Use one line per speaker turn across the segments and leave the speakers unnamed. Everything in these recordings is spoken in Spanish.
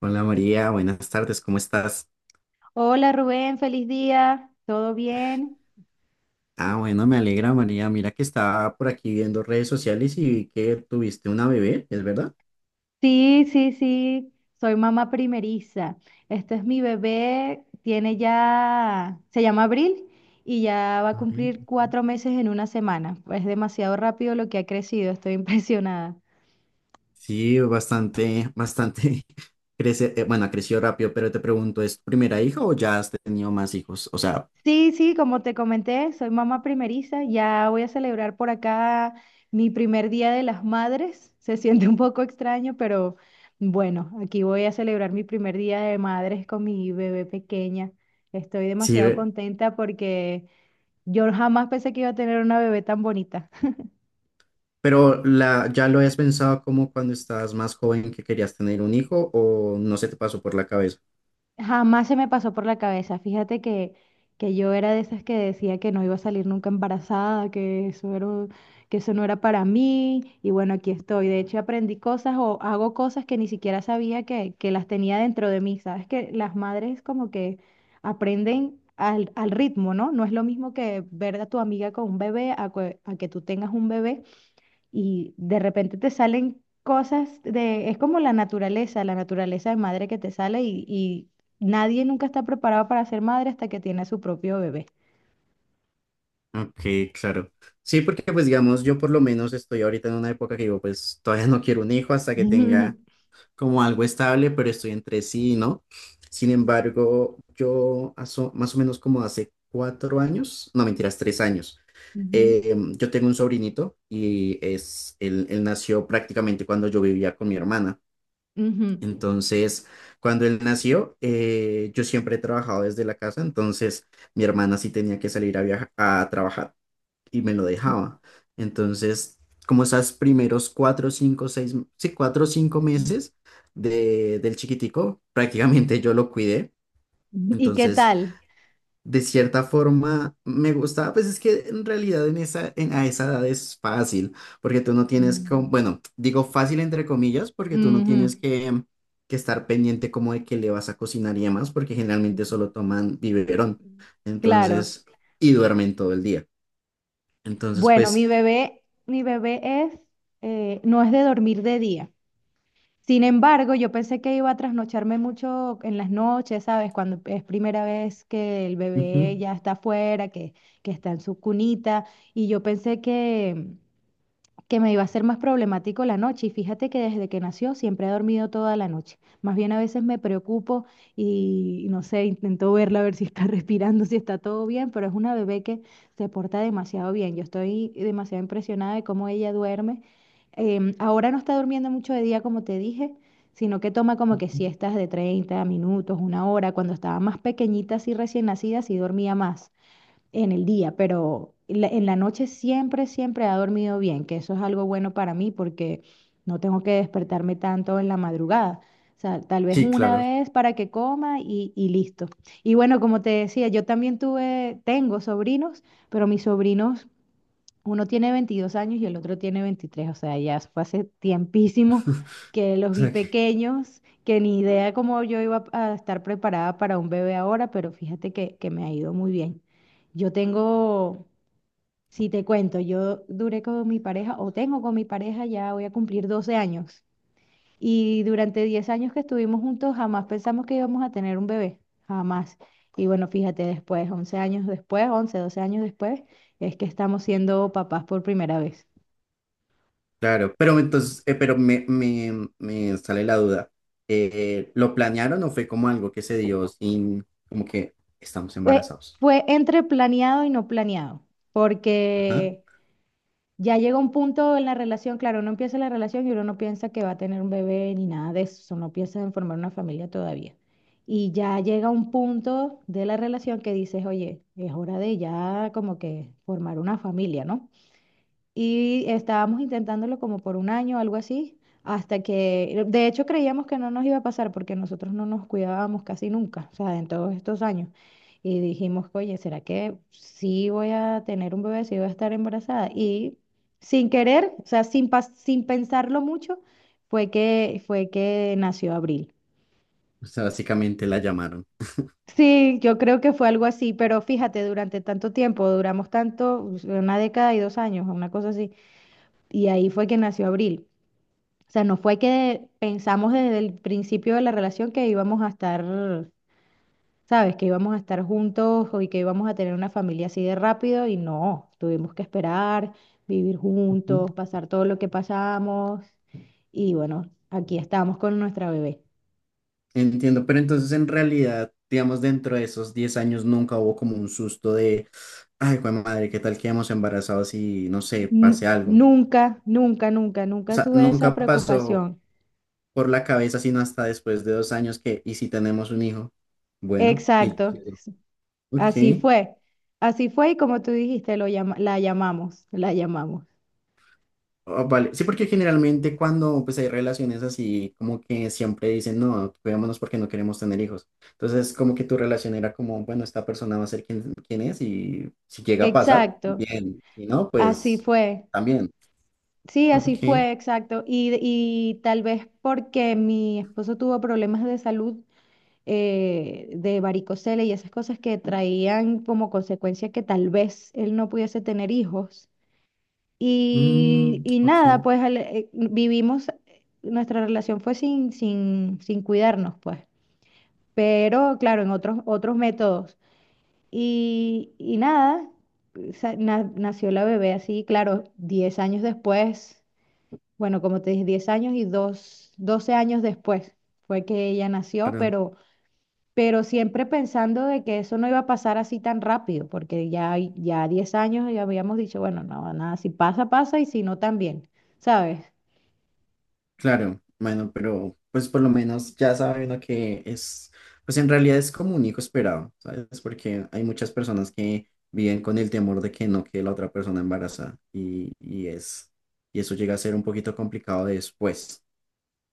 Hola María, buenas tardes, ¿cómo estás?
Hola Rubén, feliz día. ¿Todo bien?
Ah, bueno, me alegra María, mira que estaba por aquí viendo redes sociales y vi que tuviste una bebé, ¿es verdad?
Sí, sí, sí. Soy mamá primeriza. Este es mi bebé. Tiene ya, se llama Abril y ya va a
Gabriel.
cumplir 4 meses en una semana. Es demasiado rápido lo que ha crecido. Estoy impresionada.
Sí, bastante, bastante, crece, bueno, creció rápido, pero te pregunto, ¿es tu primera hija o ya has tenido más hijos? O sea,
Sí, sí, como te comenté, soy mamá primeriza, ya voy a celebrar por acá mi primer día de las madres. Se siente un poco extraño, pero bueno, aquí voy a celebrar mi primer día de madres con mi bebé pequeña. Estoy
sí,
demasiado contenta porque yo jamás pensé que iba a tener una bebé tan bonita.
pero ¿ya lo habías pensado como cuando estabas más joven que querías tener un hijo o no se te pasó por la cabeza?
Jamás se me pasó por la cabeza. Fíjate que yo era de esas que decía que no iba a salir nunca embarazada, que eso era, que eso no era para mí. Y bueno, aquí estoy. De hecho, aprendí cosas o hago cosas que ni siquiera sabía que las tenía dentro de mí. Sabes que las madres como que aprenden al ritmo, ¿no? No es lo mismo que ver a tu amiga con un bebé a que tú tengas un bebé y de repente te salen cosas de, es como la naturaleza de madre que te sale y nadie nunca está preparado para ser madre hasta que tiene a su propio bebé.
Ok, claro. Sí, porque pues digamos, yo por lo menos estoy ahorita en una época que digo, pues todavía no quiero un hijo hasta que tenga como algo estable, pero estoy entre sí, y ¿no? Sin embargo, yo más o menos como hace 4 años, no mentiras, 3 años,
Ujú,
yo tengo un sobrinito y es, él nació prácticamente cuando yo vivía con mi hermana.
ujú.
Entonces, cuando él nació, yo siempre he trabajado desde la casa, entonces mi hermana sí tenía que salir a viajar, a trabajar y me lo dejaba. Entonces, como esas primeros cuatro, cinco, seis, sí, 4 o 5 meses del chiquitico, prácticamente yo lo cuidé.
¿Y qué
Entonces,
tal?
de cierta forma, me gustaba, pues es que en realidad en esa, a esa edad es fácil, porque tú no tienes,
Mm.
como, bueno, digo fácil entre comillas, porque tú no tienes
Ujú.
que estar pendiente como de que le vas a cocinar y demás, porque generalmente solo toman biberón.
Claro.
Entonces, y duermen todo el día. Entonces,
Bueno,
pues...
mi bebé es, no es de dormir de día. Sin embargo, yo pensé que iba a trasnocharme mucho en las noches, ¿sabes? Cuando es primera vez que el bebé
Ujú.
ya está afuera, que está en su cunita, y yo pensé que me iba a ser más problemático la noche y fíjate que desde que nació siempre he dormido toda la noche. Más bien a veces me preocupo y no sé, intento verla a ver si está respirando, si está todo bien, pero es una bebé que se porta demasiado bien. Yo estoy demasiado impresionada de cómo ella duerme. Ahora no está durmiendo mucho de día, como te dije, sino que toma como que siestas de 30 minutos, una hora. Cuando estaba más pequeñita, así recién nacida, sí dormía más en el día, pero en la noche siempre, siempre ha dormido bien, que eso es algo bueno para mí porque no tengo que despertarme tanto en la madrugada. O sea, tal vez
Sí,
una
claro.
vez para que coma y listo. Y bueno, como te decía, yo también tengo sobrinos, pero mis sobrinos uno tiene 22 años y el otro tiene 23, o sea, ya fue hace tiempísimo que los
O
vi
sea que,
pequeños, que ni idea cómo yo iba a estar preparada para un bebé ahora, pero fíjate que me ha ido muy bien. Yo tengo, si te cuento, yo duré con mi pareja o tengo con mi pareja, ya voy a cumplir 12 años. Y durante 10 años que estuvimos juntos, jamás pensamos que íbamos a tener un bebé, jamás. Y bueno, fíjate, después, 11 años después, 11 12 años después, es que estamos siendo papás por primera vez.
claro, pero entonces, pero me sale la duda. ¿Lo planearon o fue como algo que se dio sin, como que estamos
Fue,
embarazados?
fue entre planeado y no planeado,
Ajá.
porque ya llega un punto en la relación, claro, uno empieza la relación y uno no piensa que va a tener un bebé ni nada de eso, no piensa en formar una familia todavía. Y ya llega un punto de la relación que dices, oye, es hora de ya como que formar una familia, ¿no? Y estábamos intentándolo como por un año, algo así, hasta que, de hecho creíamos que no nos iba a pasar porque nosotros no nos cuidábamos casi nunca, o sea, en todos estos años. Y dijimos, oye, ¿será que sí voy a tener un bebé, sí voy a estar embarazada? Y sin querer, o sea, sin pensarlo mucho, fue que nació Abril.
O sea, básicamente la llamaron.
Sí, yo creo que fue algo así, pero fíjate, durante tanto tiempo, duramos tanto, una década y 2 años, una cosa así, y ahí fue que nació Abril. O sea, no fue que pensamos desde el principio de la relación que íbamos a estar, ¿sabes? Que íbamos a estar juntos y que íbamos a tener una familia así de rápido y no, tuvimos que esperar, vivir
Ujú.
juntos, pasar todo lo que pasamos y bueno, aquí estamos con nuestra bebé.
Entiendo, pero entonces en realidad, digamos, dentro de esos 10 años nunca hubo como un susto de, ay, jue madre, ¿qué tal quedamos embarazados y no sé,
N-
pase algo?
nunca, nunca, nunca,
O
nunca
sea,
tuve esa
nunca pasó
preocupación.
por la cabeza, sino hasta después de 2 años que, y si tenemos un hijo, bueno, y,
Exacto, así
ok.
fue. Así fue y como tú dijiste, la llamamos, la llamamos.
Ah, vale, sí, porque generalmente cuando pues hay relaciones así, como que siempre dicen, no, cuidémonos porque no queremos tener hijos, entonces como que tu relación era como, bueno, esta persona va a ser quien, quien es y si llega a pasar,
Exacto,
bien, si no,
así
pues
fue.
también,
Sí, así
ok,
fue, exacto. Y tal vez porque mi esposo tuvo problemas de salud de varicocele y esas cosas que traían como consecuencia que tal vez él no pudiese tener hijos.
mm,
Y
ok,
nada, pues vivimos, nuestra relación fue sin cuidarnos, pues. Pero claro, en otros métodos. Y nada, nació la bebé así, claro, 10 años después. Bueno, como te dije, 10 años y dos, 12 años después fue que ella nació,
claro.
pero, siempre pensando de que eso no iba a pasar así tan rápido, porque ya 10 años ya habíamos dicho, bueno, no, nada, si pasa, pasa y si no, también, ¿sabes?
Claro, bueno, pero pues por lo menos ya sabe uno que es, pues en realidad es como un hijo esperado, ¿sabes? Porque hay muchas personas que viven con el temor de que no quede la otra persona embarazada y eso llega a ser un poquito complicado después.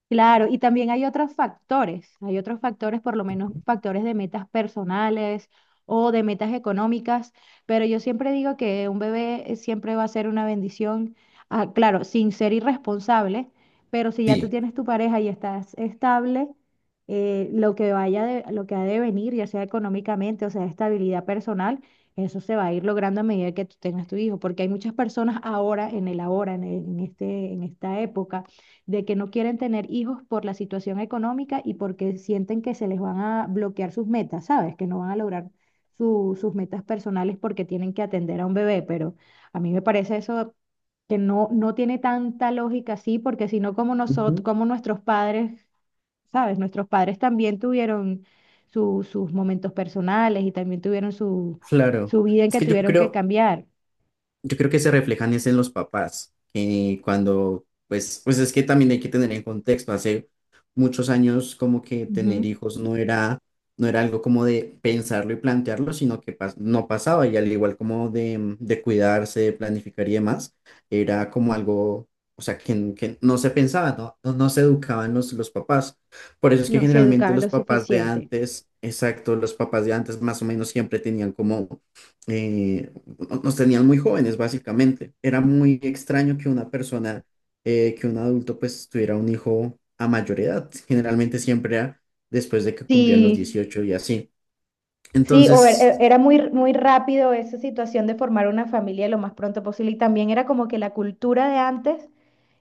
Claro, y también hay otros factores, por lo menos factores de metas personales o de metas económicas, pero yo siempre digo que un bebé siempre va a ser una bendición, ah, claro, sin ser irresponsable, pero si ya tú
Sí,
tienes tu pareja y estás estable, lo que ha de venir, ya sea económicamente o sea estabilidad personal, eso se va a ir logrando a medida que tú tengas tu hijo, porque hay muchas personas ahora, en el ahora, en este, en esta época de que no quieren tener hijos por la situación económica y porque sienten que se les van a bloquear sus metas, ¿sabes? Que no van a lograr sus metas personales porque tienen que atender a un bebé, pero a mí me parece eso que no, no tiene tanta lógica así, porque si no, como
ujú,
nosotros, como nuestros padres, ¿sabes? Nuestros padres también tuvieron sus momentos personales y también tuvieron su,
claro.
su, vida en
Es
que
que yo
tuvieron que
creo,
cambiar.
Yo creo que se reflejan es en los papás, que cuando, pues es que también hay que tener en contexto, hace muchos años como que tener
Ujú.
hijos no era, no era algo como de pensarlo y plantearlo, sino que no pasaba, y al igual como de cuidarse, de planificar y demás, era como algo, o sea, que no se pensaba, no, no, no se educaban los papás. Por eso es que
No se
generalmente
educaban
los
lo
papás de
suficiente.
antes, exacto, los papás de antes más o menos siempre tenían como... eh, nos tenían muy jóvenes, básicamente. Era muy extraño que una persona, que un adulto, pues tuviera un hijo a mayor edad. Generalmente siempre era después de que cumplían los
Sí,
18 y así.
sí, o
Entonces,
era muy, muy rápido esa situación de formar una familia lo más pronto posible. Y también era como que la cultura de antes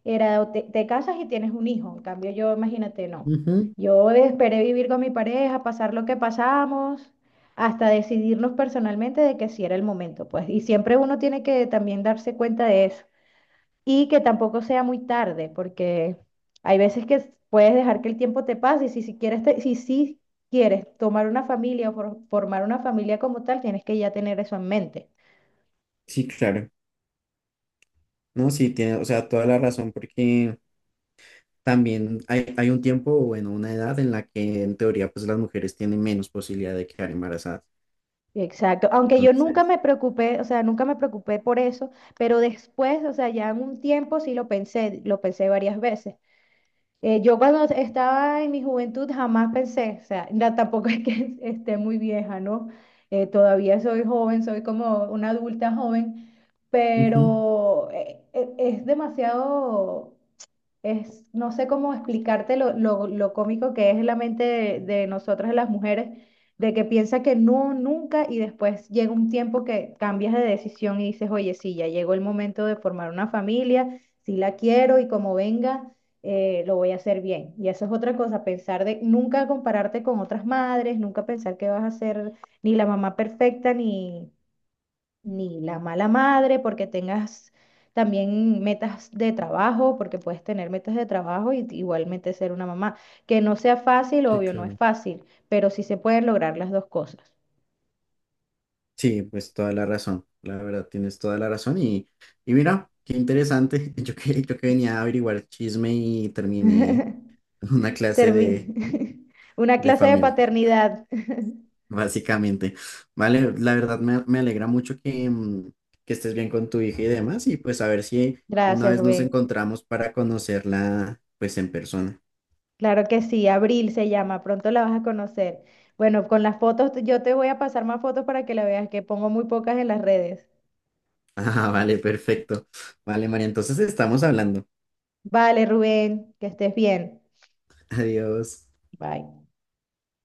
era o te casas y tienes un hijo. En cambio, yo, imagínate, no.
ujú,
Yo esperé vivir con mi pareja, pasar lo que pasamos, hasta decidirnos personalmente de que sí era el momento, pues. Y siempre uno tiene que también darse cuenta de eso y que tampoco sea muy tarde, porque hay veces que puedes dejar que el tiempo te pase y si, si quieres, te- si, sí quieres tomar una familia o formar una familia como tal, tienes que ya tener eso en mente.
sí, claro. No, sí, tiene, o sea, toda la razón, porque también hay un tiempo, o bueno, una edad en la que en teoría, pues las mujeres tienen menos posibilidad de quedar embarazadas.
Exacto, aunque yo nunca
Entonces,
me preocupé, o sea, nunca me preocupé por eso, pero después, o sea, ya en un tiempo sí lo pensé varias veces. Yo cuando estaba en mi juventud jamás pensé, o sea, tampoco es que esté muy vieja, ¿no? Todavía soy joven, soy como una adulta joven,
ujú,
pero es demasiado es, no sé cómo explicarte lo cómico que es la mente de nosotras las mujeres, de que piensa que no, nunca, y después llega un tiempo que cambias de decisión y dices, oye, sí, ya llegó el momento de formar una familia, sí la quiero y como venga, lo voy a hacer bien. Y eso es otra cosa, pensar de nunca compararte con otras madres, nunca pensar que vas a ser ni la mamá perfecta, ni la mala madre, porque tengas también metas de trabajo, porque puedes tener metas de trabajo y igualmente ser una mamá. Que no sea fácil,
sí,
obvio, no es
claro.
fácil, pero sí se pueden lograr las dos cosas.
Sí, pues toda la razón, la verdad tienes toda la razón y mira, qué interesante, yo que venía a averiguar chisme y terminé en una clase de,
Termi- una
de
clase de
familia,
paternidad.
básicamente. Vale, la verdad me alegra mucho que estés bien con tu hija y demás y pues a ver si una
Gracias,
vez nos
Rubén.
encontramos para conocerla pues en persona.
Claro que sí, Abril se llama, pronto la vas a conocer. Bueno, con las fotos, yo te voy a pasar más fotos para que la veas, que pongo muy pocas en las redes.
Ah, vale, perfecto. Vale, María, entonces estamos hablando.
Vale, Rubén, que estés bien.
Adiós.
Bye.